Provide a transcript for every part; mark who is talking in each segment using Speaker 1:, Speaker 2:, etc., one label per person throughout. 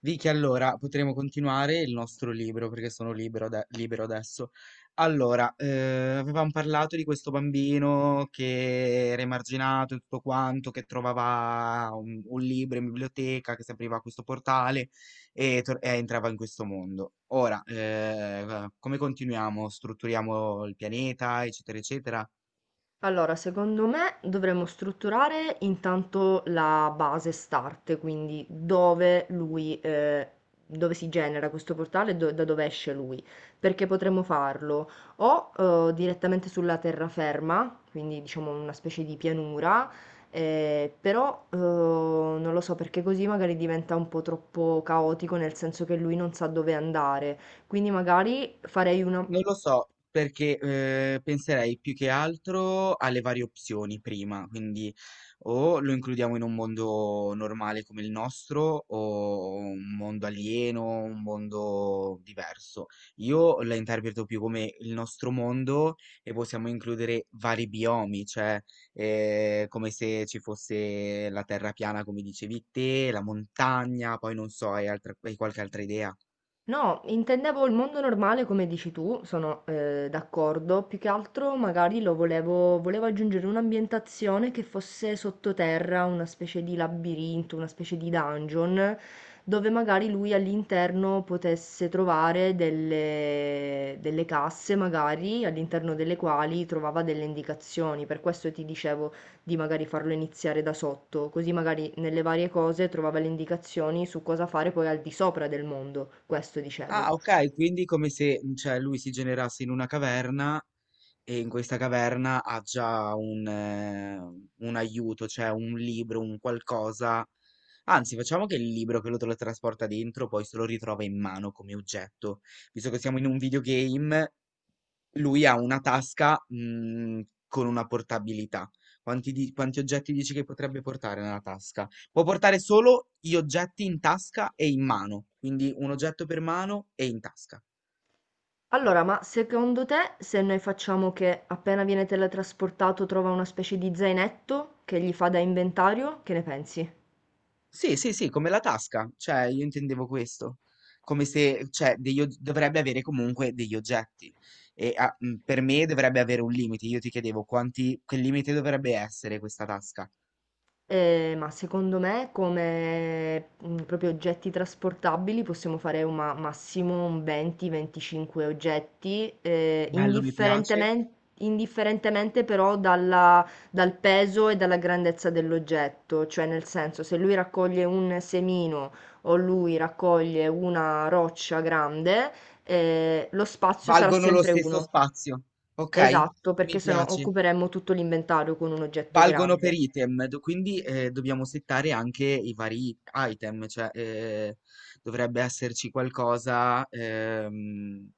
Speaker 1: Vicky, allora potremo continuare il nostro libro perché sono libero, libero adesso. Allora, avevamo parlato di questo bambino che era emarginato e tutto quanto, che trovava un libro in biblioteca, che si apriva questo portale e, e entrava in questo mondo. Ora, come continuiamo? Strutturiamo il pianeta, eccetera, eccetera.
Speaker 2: Allora, secondo me dovremmo strutturare intanto la base start, quindi dove lui, dove si genera questo portale e da dove esce lui, perché potremmo farlo o direttamente sulla terraferma, quindi diciamo una specie di pianura, però non lo so perché così magari diventa un po' troppo caotico, nel senso che lui non sa dove andare, quindi magari farei una.
Speaker 1: Non lo so, perché penserei più che altro alle varie opzioni prima, quindi o lo includiamo in un mondo normale come il nostro, o un mondo alieno, un mondo diverso. Io la interpreto più come il nostro mondo e possiamo includere vari biomi, cioè come se ci fosse la terra piana, come dicevi te, la montagna, poi non so, hai qualche altra idea?
Speaker 2: No, intendevo il mondo normale come dici tu, sono d'accordo, più che altro magari lo volevo aggiungere un'ambientazione che fosse sottoterra, una specie di labirinto, una specie di dungeon, dove magari lui all'interno potesse trovare delle casse, magari all'interno delle quali trovava delle indicazioni, per questo ti dicevo di magari farlo iniziare da sotto, così magari nelle varie cose trovava le indicazioni su cosa fare poi al di sopra del mondo, questo dicevo.
Speaker 1: Ah, ok, quindi come se, mm, cioè, lui si generasse in una caverna e in questa caverna ha già un aiuto, cioè un libro, un qualcosa. Anzi, facciamo che il libro che lo trasporta dentro poi se lo ritrova in mano come oggetto. Visto che siamo in un videogame, lui ha una tasca, con una portabilità. Quanti di quanti oggetti dici che potrebbe portare nella tasca? Può portare solo gli oggetti in tasca e in mano, quindi 1 oggetto per mano e in tasca.
Speaker 2: Allora, ma secondo te se noi facciamo che appena viene teletrasportato trova una specie di zainetto che gli fa da inventario, che ne pensi?
Speaker 1: Sì, sì, sì, come la tasca, cioè io intendevo questo. Come se cioè degli og dovrebbe avere comunque degli oggetti e a per me dovrebbe avere un limite. Io ti chiedevo quanti che limite dovrebbe essere questa tasca.
Speaker 2: Ma secondo me come, mhmm, proprio oggetti trasportabili possiamo fare un massimo un 20, 25 oggetti,
Speaker 1: Bello, mi piace.
Speaker 2: indifferentemente però dal peso e dalla grandezza dell'oggetto. Cioè nel senso, se lui raccoglie un semino o lui raccoglie una roccia grande, lo spazio sarà
Speaker 1: Valgono lo
Speaker 2: sempre
Speaker 1: stesso
Speaker 2: uno.
Speaker 1: spazio, ok?
Speaker 2: Esatto,
Speaker 1: Mi
Speaker 2: perché se no
Speaker 1: piace
Speaker 2: occuperemmo tutto l'inventario con un oggetto
Speaker 1: valgono per
Speaker 2: grande.
Speaker 1: item, quindi dobbiamo settare anche i vari item, cioè dovrebbe esserci qualcosa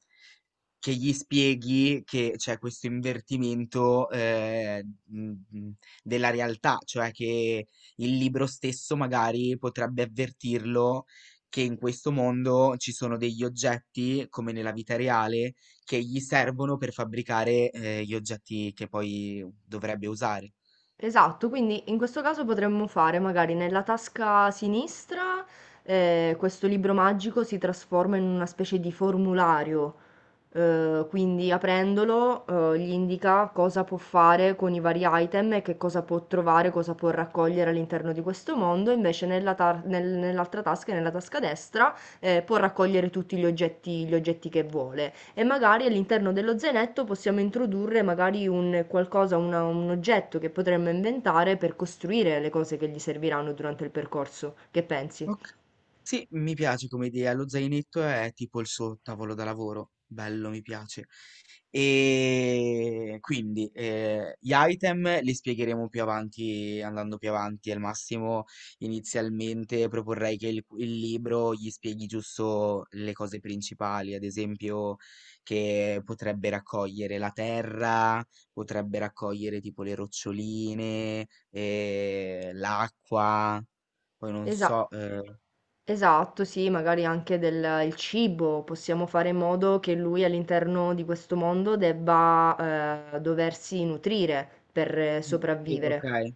Speaker 1: che gli spieghi che c'è questo invertimento della realtà, cioè che il libro stesso magari potrebbe avvertirlo che in questo mondo ci sono degli oggetti, come nella vita reale, che gli servono per fabbricare gli oggetti che poi dovrebbe usare.
Speaker 2: Esatto, quindi in questo caso potremmo fare magari nella tasca sinistra, questo libro magico si trasforma in una specie di formulario, quindi aprendolo gli indica cosa può fare con i vari item e che cosa può trovare, cosa può raccogliere all'interno di questo mondo, invece nell'altra tasca, nella tasca destra, può raccogliere tutti gli gli oggetti che vuole e magari all'interno dello zainetto possiamo introdurre magari un qualcosa, un oggetto che potremmo inventare per costruire le cose che gli serviranno durante il percorso. Che pensi?
Speaker 1: Oka sì, mi piace come idea. Lo zainetto è tipo il sottavolo da lavoro. Bello, mi piace. E quindi gli item li spiegheremo più avanti, andando più avanti. Al massimo, inizialmente proporrei che il libro gli spieghi giusto le cose principali, ad esempio che potrebbe raccogliere la terra, potrebbe raccogliere tipo le roccioline, l'acqua. Poi non
Speaker 2: Esa
Speaker 1: so,
Speaker 2: esatto, sì, magari anche del il cibo, possiamo fare in modo che lui all'interno di questo mondo debba doversi nutrire per
Speaker 1: mm, sì,
Speaker 2: sopravvivere.
Speaker 1: ok,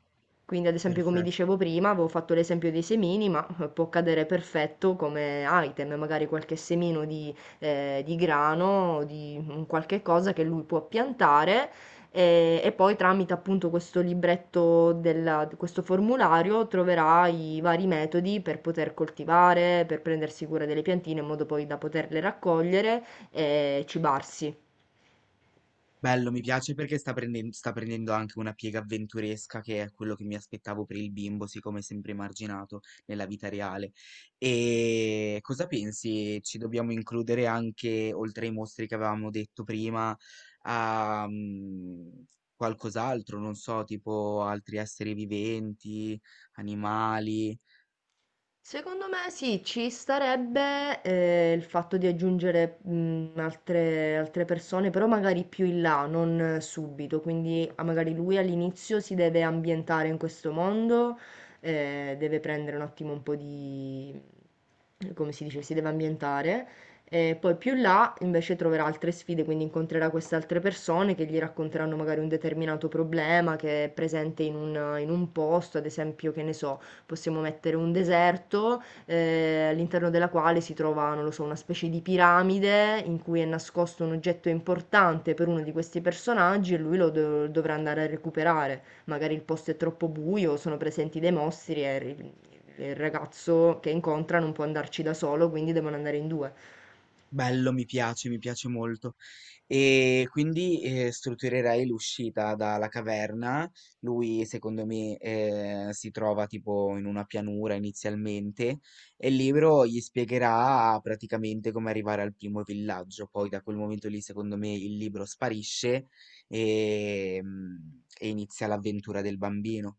Speaker 2: Quindi, ad esempio, come
Speaker 1: perfetto.
Speaker 2: dicevo prima, avevo fatto l'esempio dei semini, ma può cadere perfetto come item, magari qualche semino di grano, di un qualche cosa che lui può piantare e poi tramite appunto questo libretto questo formulario troverà i vari metodi per poter coltivare, per prendersi cura delle piantine in modo poi da poterle raccogliere e cibarsi.
Speaker 1: Bello, mi piace perché sta prendendo anche una piega avventuresca che è quello che mi aspettavo per il bimbo, siccome è sempre emarginato nella vita reale. E cosa pensi? Ci dobbiamo includere anche, oltre ai mostri che avevamo detto prima, a mm, qualcos'altro, non so, tipo altri esseri viventi, animali.
Speaker 2: Secondo me sì, ci starebbe il fatto di aggiungere altre persone, però magari più in là, non subito. Quindi ah, magari lui all'inizio si deve ambientare in questo mondo, deve prendere un attimo un po' di, come si dice, si deve ambientare. E poi più in là invece troverà altre sfide, quindi incontrerà queste altre persone che gli racconteranno magari un determinato problema che è presente in un posto, ad esempio, che ne so, possiamo mettere un deserto, all'interno della quale si trova, non lo so, una specie di piramide in cui è nascosto un oggetto importante per uno di questi personaggi e lui dovrà andare a recuperare. Magari il posto è troppo buio, sono presenti dei mostri e il ragazzo che incontra non può andarci da solo, quindi devono andare in due.
Speaker 1: Bello, mi piace molto. E quindi strutturerei l'uscita dalla caverna. Lui, secondo me, si trova tipo in una pianura inizialmente e il libro gli spiegherà praticamente come arrivare al primo villaggio. Poi da quel momento lì, secondo me, il libro sparisce e, mm, e inizia l'avventura del bambino.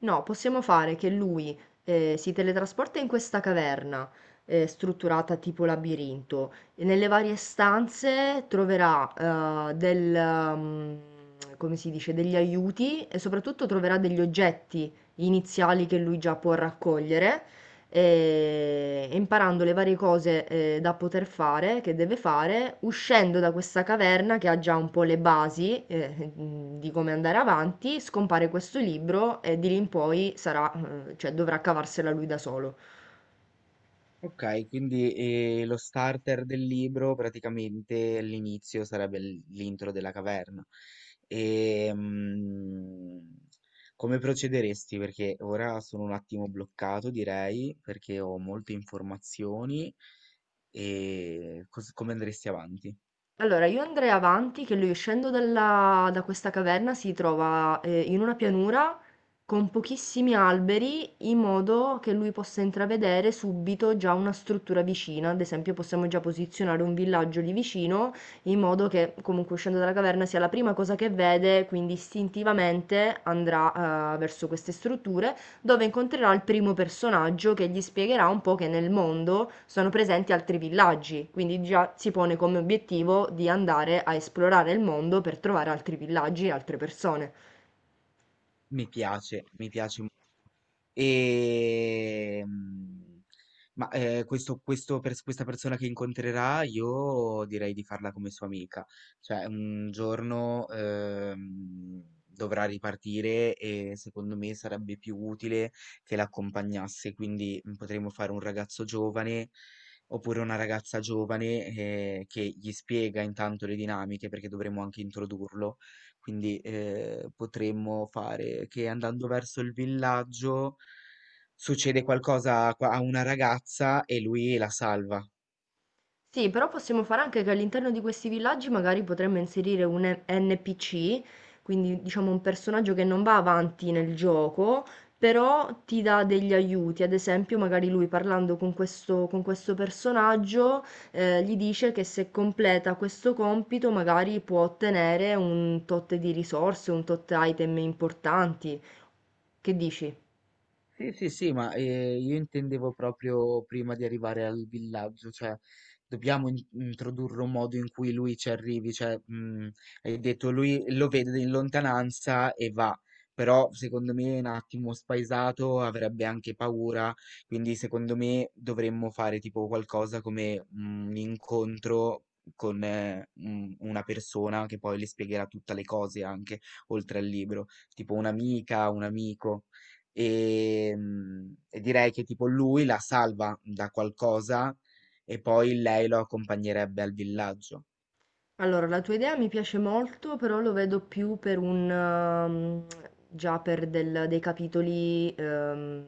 Speaker 2: No, possiamo fare che lui si teletrasporta in questa caverna strutturata tipo labirinto e nelle varie stanze troverà mm, come si dice, degli aiuti e soprattutto troverà degli oggetti iniziali che lui già può raccogliere, imparando le varie cose da poter fare, che deve fare, uscendo da questa caverna che ha già un po' le basi, di come andare avanti, scompare questo libro e di lì in poi sarà, cioè, dovrà cavarsela lui da solo.
Speaker 1: Okay, quindi, lo starter del libro praticamente all'inizio sarebbe l'intro della caverna. Ehm, come procederesti? Perché ora sono un attimo bloccato direi, perché ho molte informazioni. Cos come andresti avanti?
Speaker 2: Allora, io andrei avanti che lui uscendo da questa caverna si trova in una pianura con pochissimi alberi, in modo che lui possa intravedere subito già una struttura vicina. Ad esempio, possiamo già posizionare un villaggio lì vicino, in modo che comunque uscendo dalla caverna sia la prima cosa che vede, quindi istintivamente andrà verso queste strutture dove incontrerà il primo personaggio che gli spiegherà un po' che nel mondo sono presenti altri villaggi, quindi già si pone come obiettivo di andare a esplorare il mondo per trovare altri villaggi e altre persone.
Speaker 1: Mi piace molto. Ehm, questo questa persona che incontrerà, io direi di farla come sua amica. Cioè, un giorno dovrà ripartire e secondo me sarebbe più utile che l'accompagnasse. Quindi mm, potremmo fare un ragazzo giovane oppure una ragazza giovane che gli spiega intanto le dinamiche perché dovremmo anche introdurlo quindi potremmo fare che andando verso il villaggio succede qualcosa a a una ragazza e lui la salva.
Speaker 2: Sì, però possiamo fare anche che all'interno di questi villaggi magari potremmo inserire un NPC, quindi diciamo un personaggio che non va avanti nel gioco, però ti dà degli aiuti. Ad esempio, magari lui parlando con con questo personaggio, gli dice che se completa questo compito magari può ottenere un tot di risorse, un tot item importanti. Che dici?
Speaker 1: Sì, sì, sì, io intendevo proprio prima di arrivare al villaggio, cioè dobbiamo introdurre un modo in cui lui ci arrivi, cioè hai detto lui lo vede in lontananza e va, però secondo me è un attimo spaesato, avrebbe anche paura, quindi secondo me dovremmo fare tipo qualcosa come un incontro con una persona che poi le spiegherà tutte le cose anche oltre al libro, tipo un'amica, un amico. E direi che tipo lui la salva da qualcosa e poi lei lo accompagnerebbe al villaggio.
Speaker 2: Allora, la tua idea mi piace molto, però lo vedo più per un, già per dei capitoli,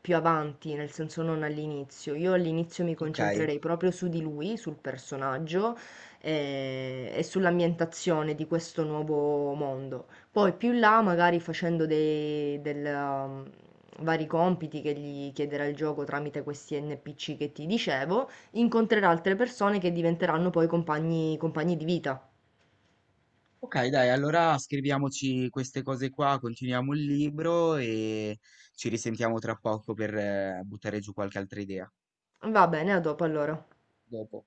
Speaker 2: più avanti, nel senso non all'inizio. Io all'inizio mi
Speaker 1: Ok?
Speaker 2: concentrerei proprio su di lui, sul personaggio, e sull'ambientazione di questo nuovo mondo. Poi più in là, magari facendo vari compiti che gli chiederà il gioco tramite questi NPC che ti dicevo. Incontrerà altre persone che diventeranno poi compagni di vita.
Speaker 1: Ok, dai, allora scriviamoci queste cose qua, continuiamo il libro e ci risentiamo tra poco per buttare giù qualche altra idea.
Speaker 2: Va bene, a dopo allora.
Speaker 1: Dopo.